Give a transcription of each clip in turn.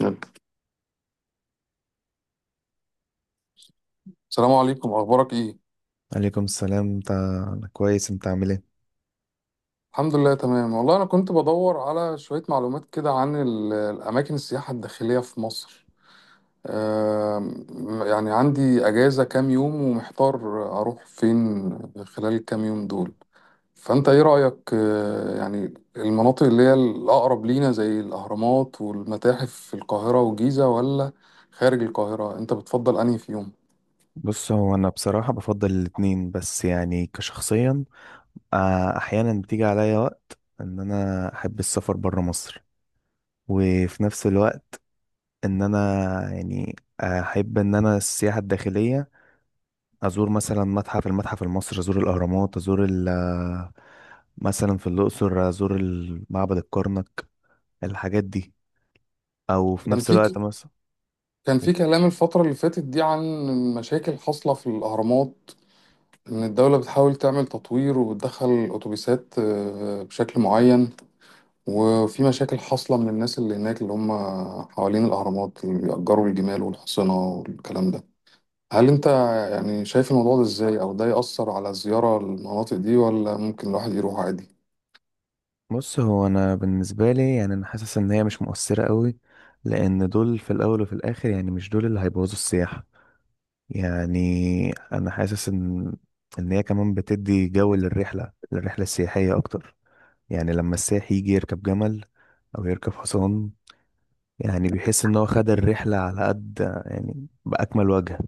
يلا. السلام عليكم، اخبارك ايه؟ عليكم السلام، انت؟ أنا كويس، انت عامل ايه؟ الحمد لله تمام والله. انا كنت بدور على شوية معلومات كده عن الاماكن السياحة الداخلية في مصر. آم، يعني عندي اجازة كام يوم ومحتار اروح فين خلال الكام يوم دول. فانت ايه رأيك؟ يعني المناطق اللي هي الاقرب لينا زي الاهرامات والمتاحف في القاهرة والجيزة، ولا خارج القاهرة انت بتفضل انهي فيهم؟ بص، هو انا بصراحة بفضل الاتنين، بس يعني كشخصيا، احيانا بتيجي عليا وقت ان انا احب السفر برا مصر. وفي نفس الوقت ان انا يعني احب ان انا السياحة الداخلية، ازور مثلا المتحف المصري، ازور الاهرامات، ازور مثلا في الاقصر ازور معبد الكرنك، الحاجات دي، او في كان نفس الوقت في مثلا. كان في كلام الفترة اللي فاتت دي عن مشاكل حاصلة في الأهرامات، إن الدولة بتحاول تعمل تطوير وبتدخل أتوبيسات بشكل معين. وفي مشاكل حاصلة من الناس اللي هناك، اللي هم حوالين الأهرامات، اللي بيأجروا الجمال والحصنة والكلام ده. هل أنت يعني شايف الموضوع ده إزاي؟ أو ده يأثر على الزيارة للمناطق دي، ولا ممكن الواحد يروح عادي؟ بص، هو انا بالنسبه لي يعني انا حاسس ان هي مش مؤثره قوي، لان دول في الاول وفي الاخر يعني مش دول اللي هيبوظوا السياحه. يعني انا حاسس ان هي كمان بتدي جو للرحله السياحيه اكتر. يعني لما السائح يجي يركب جمل أو يركب حصان، يعني بيحس إن هو خد الرحلة على قد، يعني بأكمل وجه.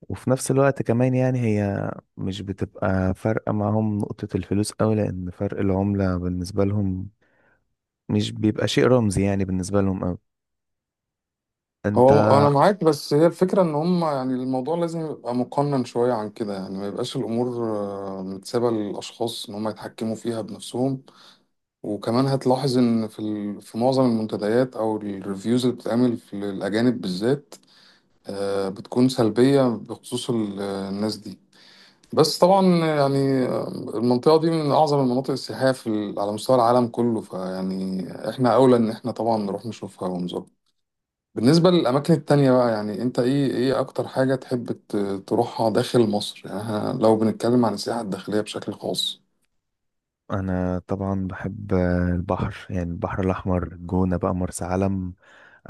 وفي نفس الوقت كمان يعني هي مش بتبقى فارقة معاهم نقطة الفلوس أوي، لأن فرق العملة بالنسبة لهم مش بيبقى شيء رمزي يعني بالنسبة لهم أوي. أنت؟ هو انا معاك، بس هي الفكره ان هم يعني الموضوع لازم يبقى مقنن شويه عن كده، يعني ما يبقاش الامور متسابه للاشخاص ان هم يتحكموا فيها بنفسهم. وكمان هتلاحظ ان في في معظم المنتديات او الريفيوز اللي بتتعمل في الاجانب بالذات بتكون سلبيه بخصوص الناس دي. بس طبعا يعني المنطقه دي من اعظم المناطق السياحيه في على مستوى العالم كله، فيعني احنا اولى ان احنا طبعا نروح نشوفها ونزورها. بالنسبة للأماكن التانية بقى يعني أنت إيه أكتر حاجة تحب تروحها داخل مصر؟ يعني إحنا لو بنتكلم عن السياحة الداخلية بشكل خاص. أنا طبعا بحب البحر، يعني البحر الأحمر، الجونة بقى، مرسى علم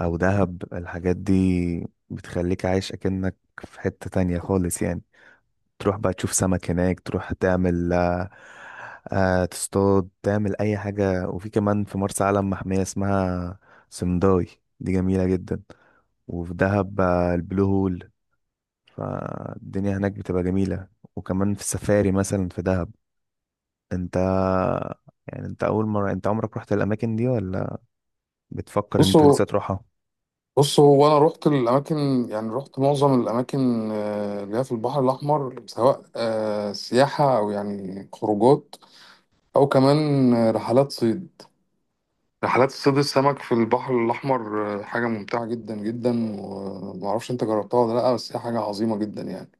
أو دهب، الحاجات دي بتخليك عايش أكنك في حتة تانية خالص يعني، تروح بقى تشوف سمك هناك، تروح تعمل تصطاد، تعمل اي حاجة. وفي كمان في مرسى علم محمية اسمها سمداي، دي جميلة جدا. وفي دهب البلو هول، فالدنيا هناك بتبقى جميلة. وكمان في السفاري مثلا في دهب. انت، يعني انت اول مرة، انت عمرك رحت الاماكن دي ولا بتفكر انت بصوا لسه تروحها؟ بصوا هو أنا رحت الأماكن، يعني رحت معظم الأماكن اللي هي في البحر الأحمر، سواء سياحة أو يعني خروجات، أو كمان رحلات صيد. رحلات صيد السمك في البحر الأحمر حاجة ممتعة جدا جدا، ومعرفش أنت جربتها ولا لأ، بس هي حاجة عظيمة جدا يعني.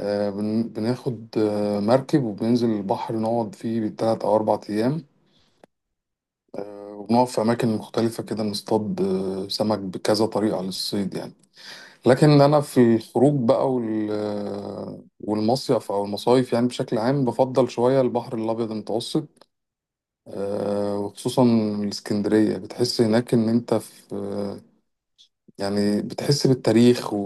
بناخد مركب وبننزل البحر نقعد فيه بالتلات أو أربع أيام، وبنقف في أماكن مختلفة كده نصطاد سمك بكذا طريقة للصيد يعني. لكن أنا في الخروج بقى والمصيف أو المصايف يعني بشكل عام بفضل شوية البحر الأبيض المتوسط، وخصوصا الإسكندرية. بتحس هناك إن أنت في يعني بتحس بالتاريخ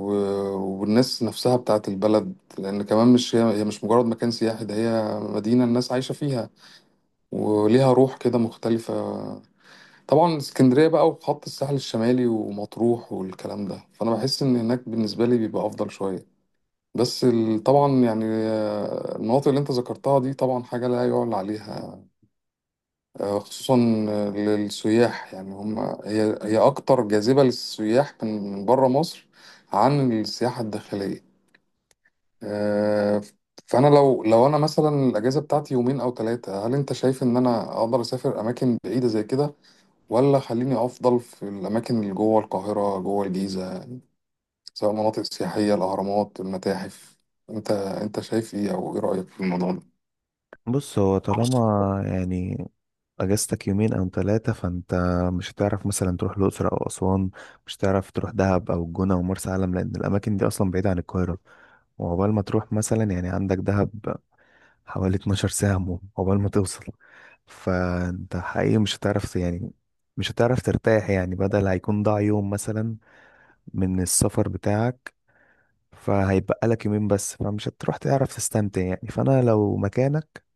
والناس نفسها بتاعت البلد، لأن كمان مش هي هي مش مجرد مكان سياحي، ده هي مدينة الناس عايشة فيها وليها روح كده مختلفة. طبعا اسكندرية بقى وخط الساحل الشمالي ومطروح والكلام ده، فأنا بحس إن هناك بالنسبة لي بيبقى أفضل شوية. بس طبعا يعني المناطق اللي أنت ذكرتها دي طبعا حاجة لا يعلى عليها، خصوصا للسياح، يعني هم هي أكتر جاذبة للسياح من من بره مصر عن السياحة الداخلية. آه، فأنا لو أنا مثلا الأجازة بتاعتي يومين أو ثلاثة، هل أنت شايف إن أنا أقدر أسافر أماكن بعيدة زي كده، ولا خليني أفضل في الأماكن اللي جوه القاهرة جوه الجيزة، سواء مناطق سياحية، الأهرامات، المتاحف؟ أنت شايف إيه، أو إيه رأيك في الموضوع ده؟ بص، هو طالما يعني اجازتك يومين او 3، فانت مش هتعرف مثلا تروح الاقصر او اسوان، مش هتعرف تروح دهب او الجونة او مرسى علم، لان الاماكن دي اصلا بعيدة عن القاهرة. وعقبال ما تروح مثلا، يعني عندك دهب حوالي 12 ساعة عقبال ما توصل. فانت حقيقي مش هتعرف يعني، مش هتعرف ترتاح، يعني بدل هيكون ضاع يوم مثلا من السفر بتاعك، فهيبقى لك يومين بس، فمش هتروح تعرف تستمتع يعني. فانا لو مكانك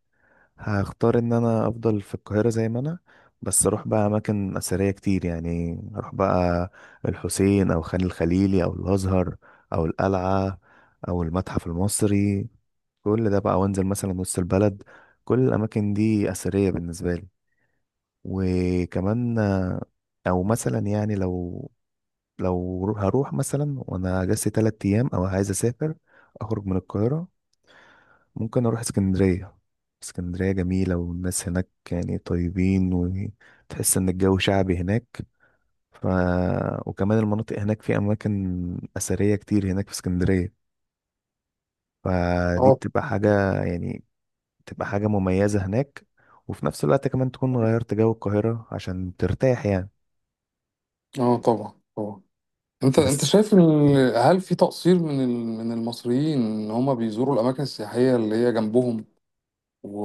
هختار ان انا افضل في القاهرة زي ما انا، بس اروح بقى اماكن اثرية كتير، يعني اروح بقى الحسين او خان الخليلي او الازهر او القلعة او المتحف المصري، كل ده بقى، وانزل مثلا وسط البلد، كل الاماكن دي اثرية بالنسبة لي. وكمان او مثلا يعني هروح مثلا وانا اجازتي تلات ايام او عايز اسافر، اخرج من القاهرة، ممكن اروح اسكندرية. اسكندرية جميلة، والناس هناك يعني طيبين، وتحس ان الجو شعبي هناك. ف... وكمان المناطق هناك في اماكن اثرية كتير هناك في اسكندرية، فدي اه. بتبقى حاجة يعني، بتبقى حاجة مميزة هناك. وفي نفس الوقت كمان تكون غيرت جو القاهرة عشان ترتاح يعني. اه طبعا طبعا. انت بس، شايف هل في تقصير من من المصريين ان هم بيزوروا الاماكن السياحيه اللي هي جنبهم، و...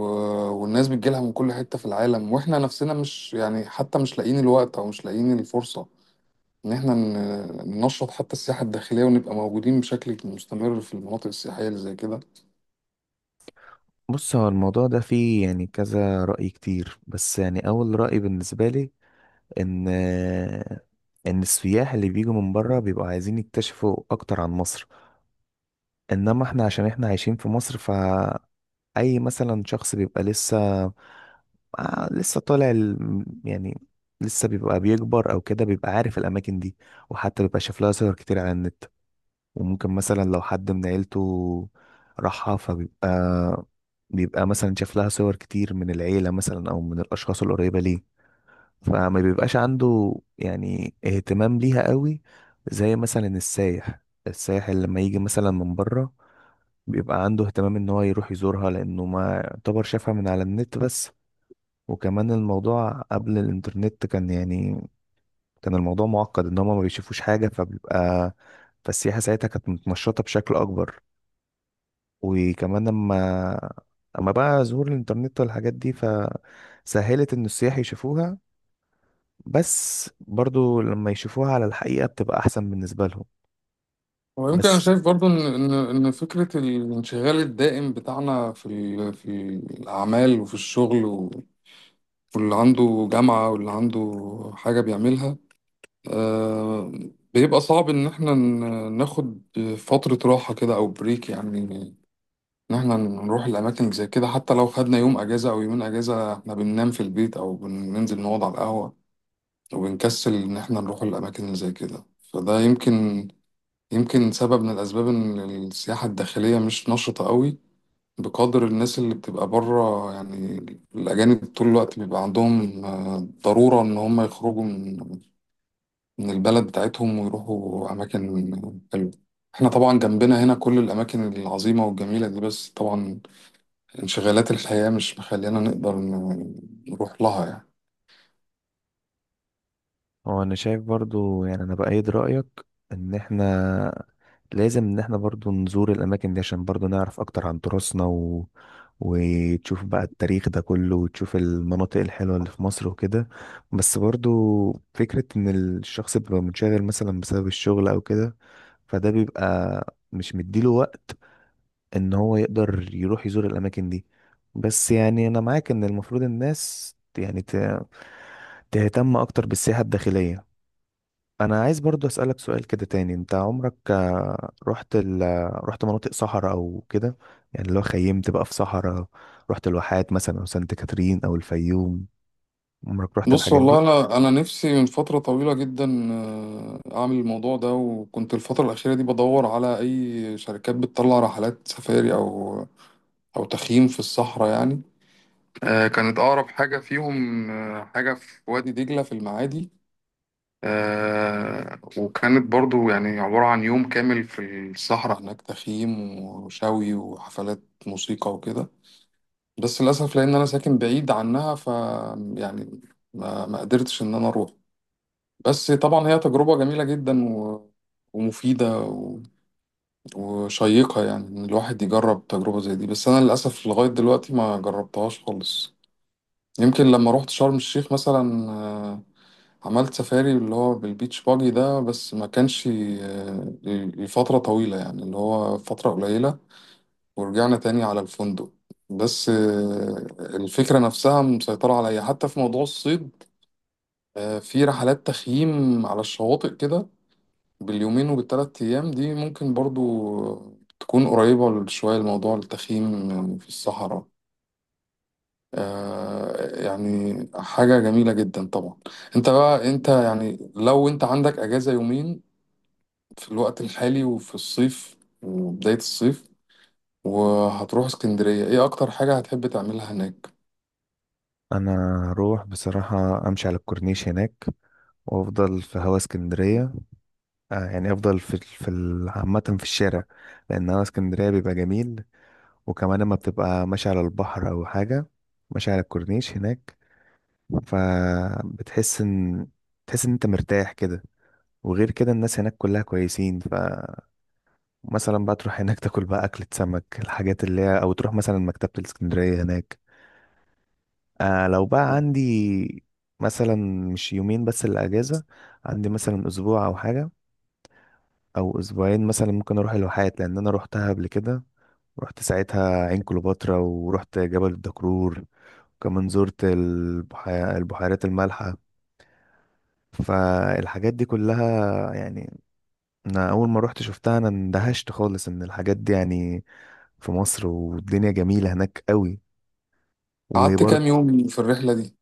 والناس بتجيلها من كل حته في العالم، واحنا نفسنا مش يعني حتى مش لاقيين الوقت او مش لاقيين الفرصه ان احنا ننشط حتى السياحه الداخليه ونبقى موجودين بشكل مستمر في المناطق السياحيه اللي زي كده؟ بص، هو الموضوع ده فيه يعني كذا رأي كتير، بس يعني اول رأي بالنسبة لي ان ان السياح اللي بيجوا من بره بيبقوا عايزين يكتشفوا اكتر عن مصر. انما احنا عشان احنا عايشين في مصر، فاي مثلا شخص بيبقى لسه طالع يعني، لسه بيبقى بيكبر او كده، بيبقى عارف الاماكن دي، وحتى بيبقى شاف لها صور كتير على النت. وممكن مثلا لو حد من عيلته راحها، فبيبقى مثلا شاف لها صور كتير من العيلة مثلا او من الاشخاص القريبة ليه، فما بيبقاش عنده يعني اهتمام ليها قوي. زي مثلا السايح اللي لما يجي مثلا من بره، بيبقى عنده اهتمام ان هو يروح يزورها، لانه ما يعتبر شافها من على النت بس. وكمان الموضوع قبل الانترنت كان يعني، كان الموضوع معقد ان هما ما بيشوفوش حاجة، فبيبقى فالسياحة ساعتها كانت متنشطة بشكل اكبر. وكمان اما بقى ظهور الانترنت والحاجات دي، فسهلت ان السياح يشوفوها، بس برضو لما يشوفوها على الحقيقة بتبقى أحسن بالنسبة لهم. ويمكن انا بس شايف برضو ان فكره الانشغال الدائم بتاعنا في في الاعمال وفي الشغل واللي عنده جامعه واللي عنده حاجه بيعملها، آه، بيبقى صعب ان احنا ناخد فترة راحة كده او بريك، يعني ان احنا نروح الاماكن زي كده. حتى لو خدنا يوم اجازة او يومين اجازة، احنا بننام في البيت او بننزل نقعد على القهوة، وبنكسل ان احنا نروح الاماكن اللي زي كده. فده يمكن سبب من الاسباب ان السياحة الداخلية مش نشطة قوي بقدر الناس اللي بتبقى بره يعني. الأجانب طول الوقت بيبقى عندهم ضرورة إن هم يخرجوا من البلد بتاعتهم ويروحوا أماكن حلوة. احنا طبعا جنبنا هنا كل الأماكن العظيمة والجميلة دي، بس طبعا انشغالات الحياة مش مخلينا نقدر نروح لها يعني. هو أنا شايف برضو يعني أنا بأيد رأيك، إن إحنا لازم إن إحنا برضو نزور الأماكن دي عشان برضو نعرف أكتر عن تراثنا وتشوف بقى التاريخ ده كله، وتشوف المناطق الحلوة اللي في مصر وكده. بس برضو فكرة إن الشخص بيبقى منشغل مثلا بسبب الشغل أو كده، فده بيبقى مش مديله وقت ان هو يقدر يروح يزور الاماكن دي. بس يعني انا معاك ان المفروض الناس يعني تهتم اكتر بالسياحة الداخلية. انا عايز برضو اسألك سؤال كده تاني. انت عمرك رحت رحت مناطق صحراء او كده، يعني لو خيمت بقى في صحراء، رحت الواحات مثلا او سانت كاترين او الفيوم، عمرك رحت بص الحاجات والله، دي؟ أنا نفسي من فترة طويلة جدا أعمل الموضوع ده، وكنت الفترة الأخيرة دي بدور على أي شركات بتطلع رحلات سفاري أو أو تخييم في الصحراء يعني. كانت أقرب حاجة فيهم حاجة في وادي دجلة في المعادي. آه، وكانت برضو يعني عبارة عن يوم كامل في الصحراء هناك، تخييم وشوي وحفلات موسيقى وكده. بس للأسف لأن أنا ساكن بعيد عنها ف يعني ما قدرتش إن أنا أروح. بس طبعا هي تجربة جميلة جدا ومفيدة وشيقة يعني، إن الواحد يجرب تجربة زي دي، بس أنا للأسف لغاية دلوقتي ما جربتهاش خالص. يمكن لما روحت شرم الشيخ مثلا، عملت سفاري اللي هو بالبيتش باجي ده، بس ما كانش لفترة طويلة، يعني اللي هو فترة قليلة، ورجعنا تاني على الفندق. بس الفكرة نفسها مسيطرة عليا حتى في موضوع الصيد. في رحلات تخييم على الشواطئ كده باليومين وبالتلات أيام دي، ممكن برضو تكون قريبة شوية لموضوع التخييم في الصحراء. يعني حاجة جميلة جدا طبعا. انت بقى يعني لو انت عندك اجازة يومين في الوقت الحالي وفي الصيف وبداية الصيف وهتروح اسكندرية، ايه اكتر حاجة هتحب تعملها هناك؟ انا هروح بصراحة امشي على الكورنيش هناك، وافضل في هوا اسكندرية. يعني افضل عامة في الشارع، لان هوا اسكندرية بيبقى جميل. وكمان لما بتبقى ماشي على البحر او حاجه، ماشي على الكورنيش هناك، فبتحس ان تحس ان انت مرتاح كده. وغير كده الناس هناك كلها كويسين، فمثلا بقى تروح هناك تاكل بقى أكلة سمك الحاجات اللي هي، أو تروح مثلا مكتبة الإسكندرية هناك. لو بقى عندي مثلا مش يومين بس الأجازة، عندي مثلا أسبوع أو حاجة أو أسبوعين مثلا، ممكن أروح الواحات لأن أنا روحتها قبل كده. رحت ساعتها عين كليوباترا، ورحت جبل الدكرور، وكمان زرت البحيرات المالحة. فالحاجات دي كلها يعني، أنا أول ما رحت شفتها أنا اندهشت خالص إن الحاجات دي يعني في مصر، والدنيا جميلة هناك قوي، قعدت وبرضه كام يوم في الرحلة دي؟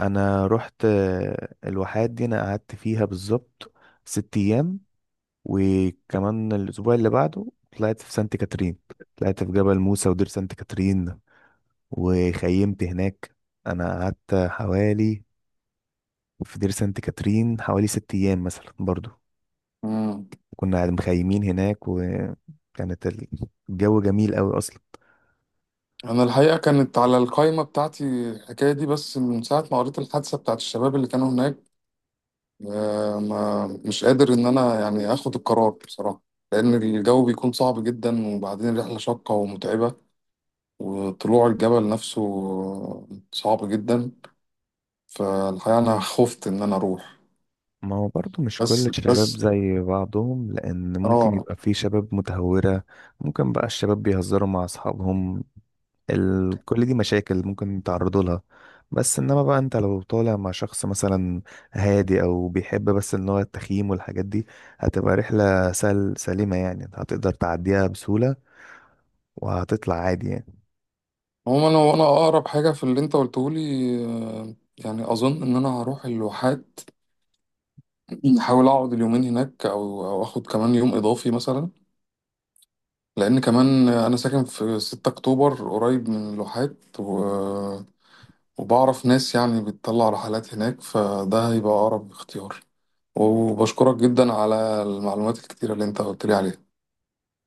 أنا رحت الواحات دي، أنا قعدت فيها بالظبط 6 أيام. وكمان الأسبوع اللي بعده طلعت في سانت كاترين، طلعت في جبل موسى ودير سانت كاترين، وخيمت هناك. انا قعدت حوالي، في دير سانت كاترين حوالي 6 ايام مثلا برضو. مم. كنا قاعد مخيمين هناك، وكانت الجو جميل قوي اصلا. انا الحقيقة كانت على القائمة بتاعتي الحكاية دي، بس من ساعة ما قريت الحادثة بتاعت الشباب اللي كانوا هناك، آه، ما مش قادر ان انا يعني اخد القرار بصراحة، لان الجو بيكون صعب جدا، وبعدين الرحلة شاقة ومتعبة، وطلوع الجبل نفسه صعب جدا، فالحقيقة انا خفت ان انا اروح. ما هو برضو مش كل بس الشباب بس زي بعضهم، لان ممكن اه. يبقى في شباب متهورة، ممكن بقى الشباب بيهزروا مع اصحابهم، كل دي مشاكل ممكن تعرضوا لها. بس انما بقى، انت لو طالع مع شخص مثلا هادي او بيحب بس ان هو التخييم والحاجات دي، هتبقى رحلة سليمة، يعني هتقدر تعديها بسهولة وهتطلع عادي يعني. عموما انا وانا اقرب حاجه في اللي انت قلته لي، آه، يعني اظن ان انا هروح الواحات، احاول اقعد اليومين هناك او او اخد كمان يوم اضافي مثلا، لان كمان انا ساكن في 6 اكتوبر قريب من الواحات وبعرف ناس يعني بتطلع رحلات هناك، فده هيبقى اقرب اختيار. وبشكرك جدا على المعلومات الكتيره اللي انت قلت لي عليها.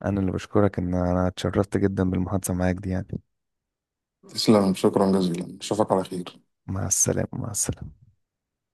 انا اللي بشكرك، ان انا اتشرفت جدا بالمحادثة معاك دي يعني. تسلم، شكرا جزيلا، اشوفك على خير. مع السلامة، مع السلامة.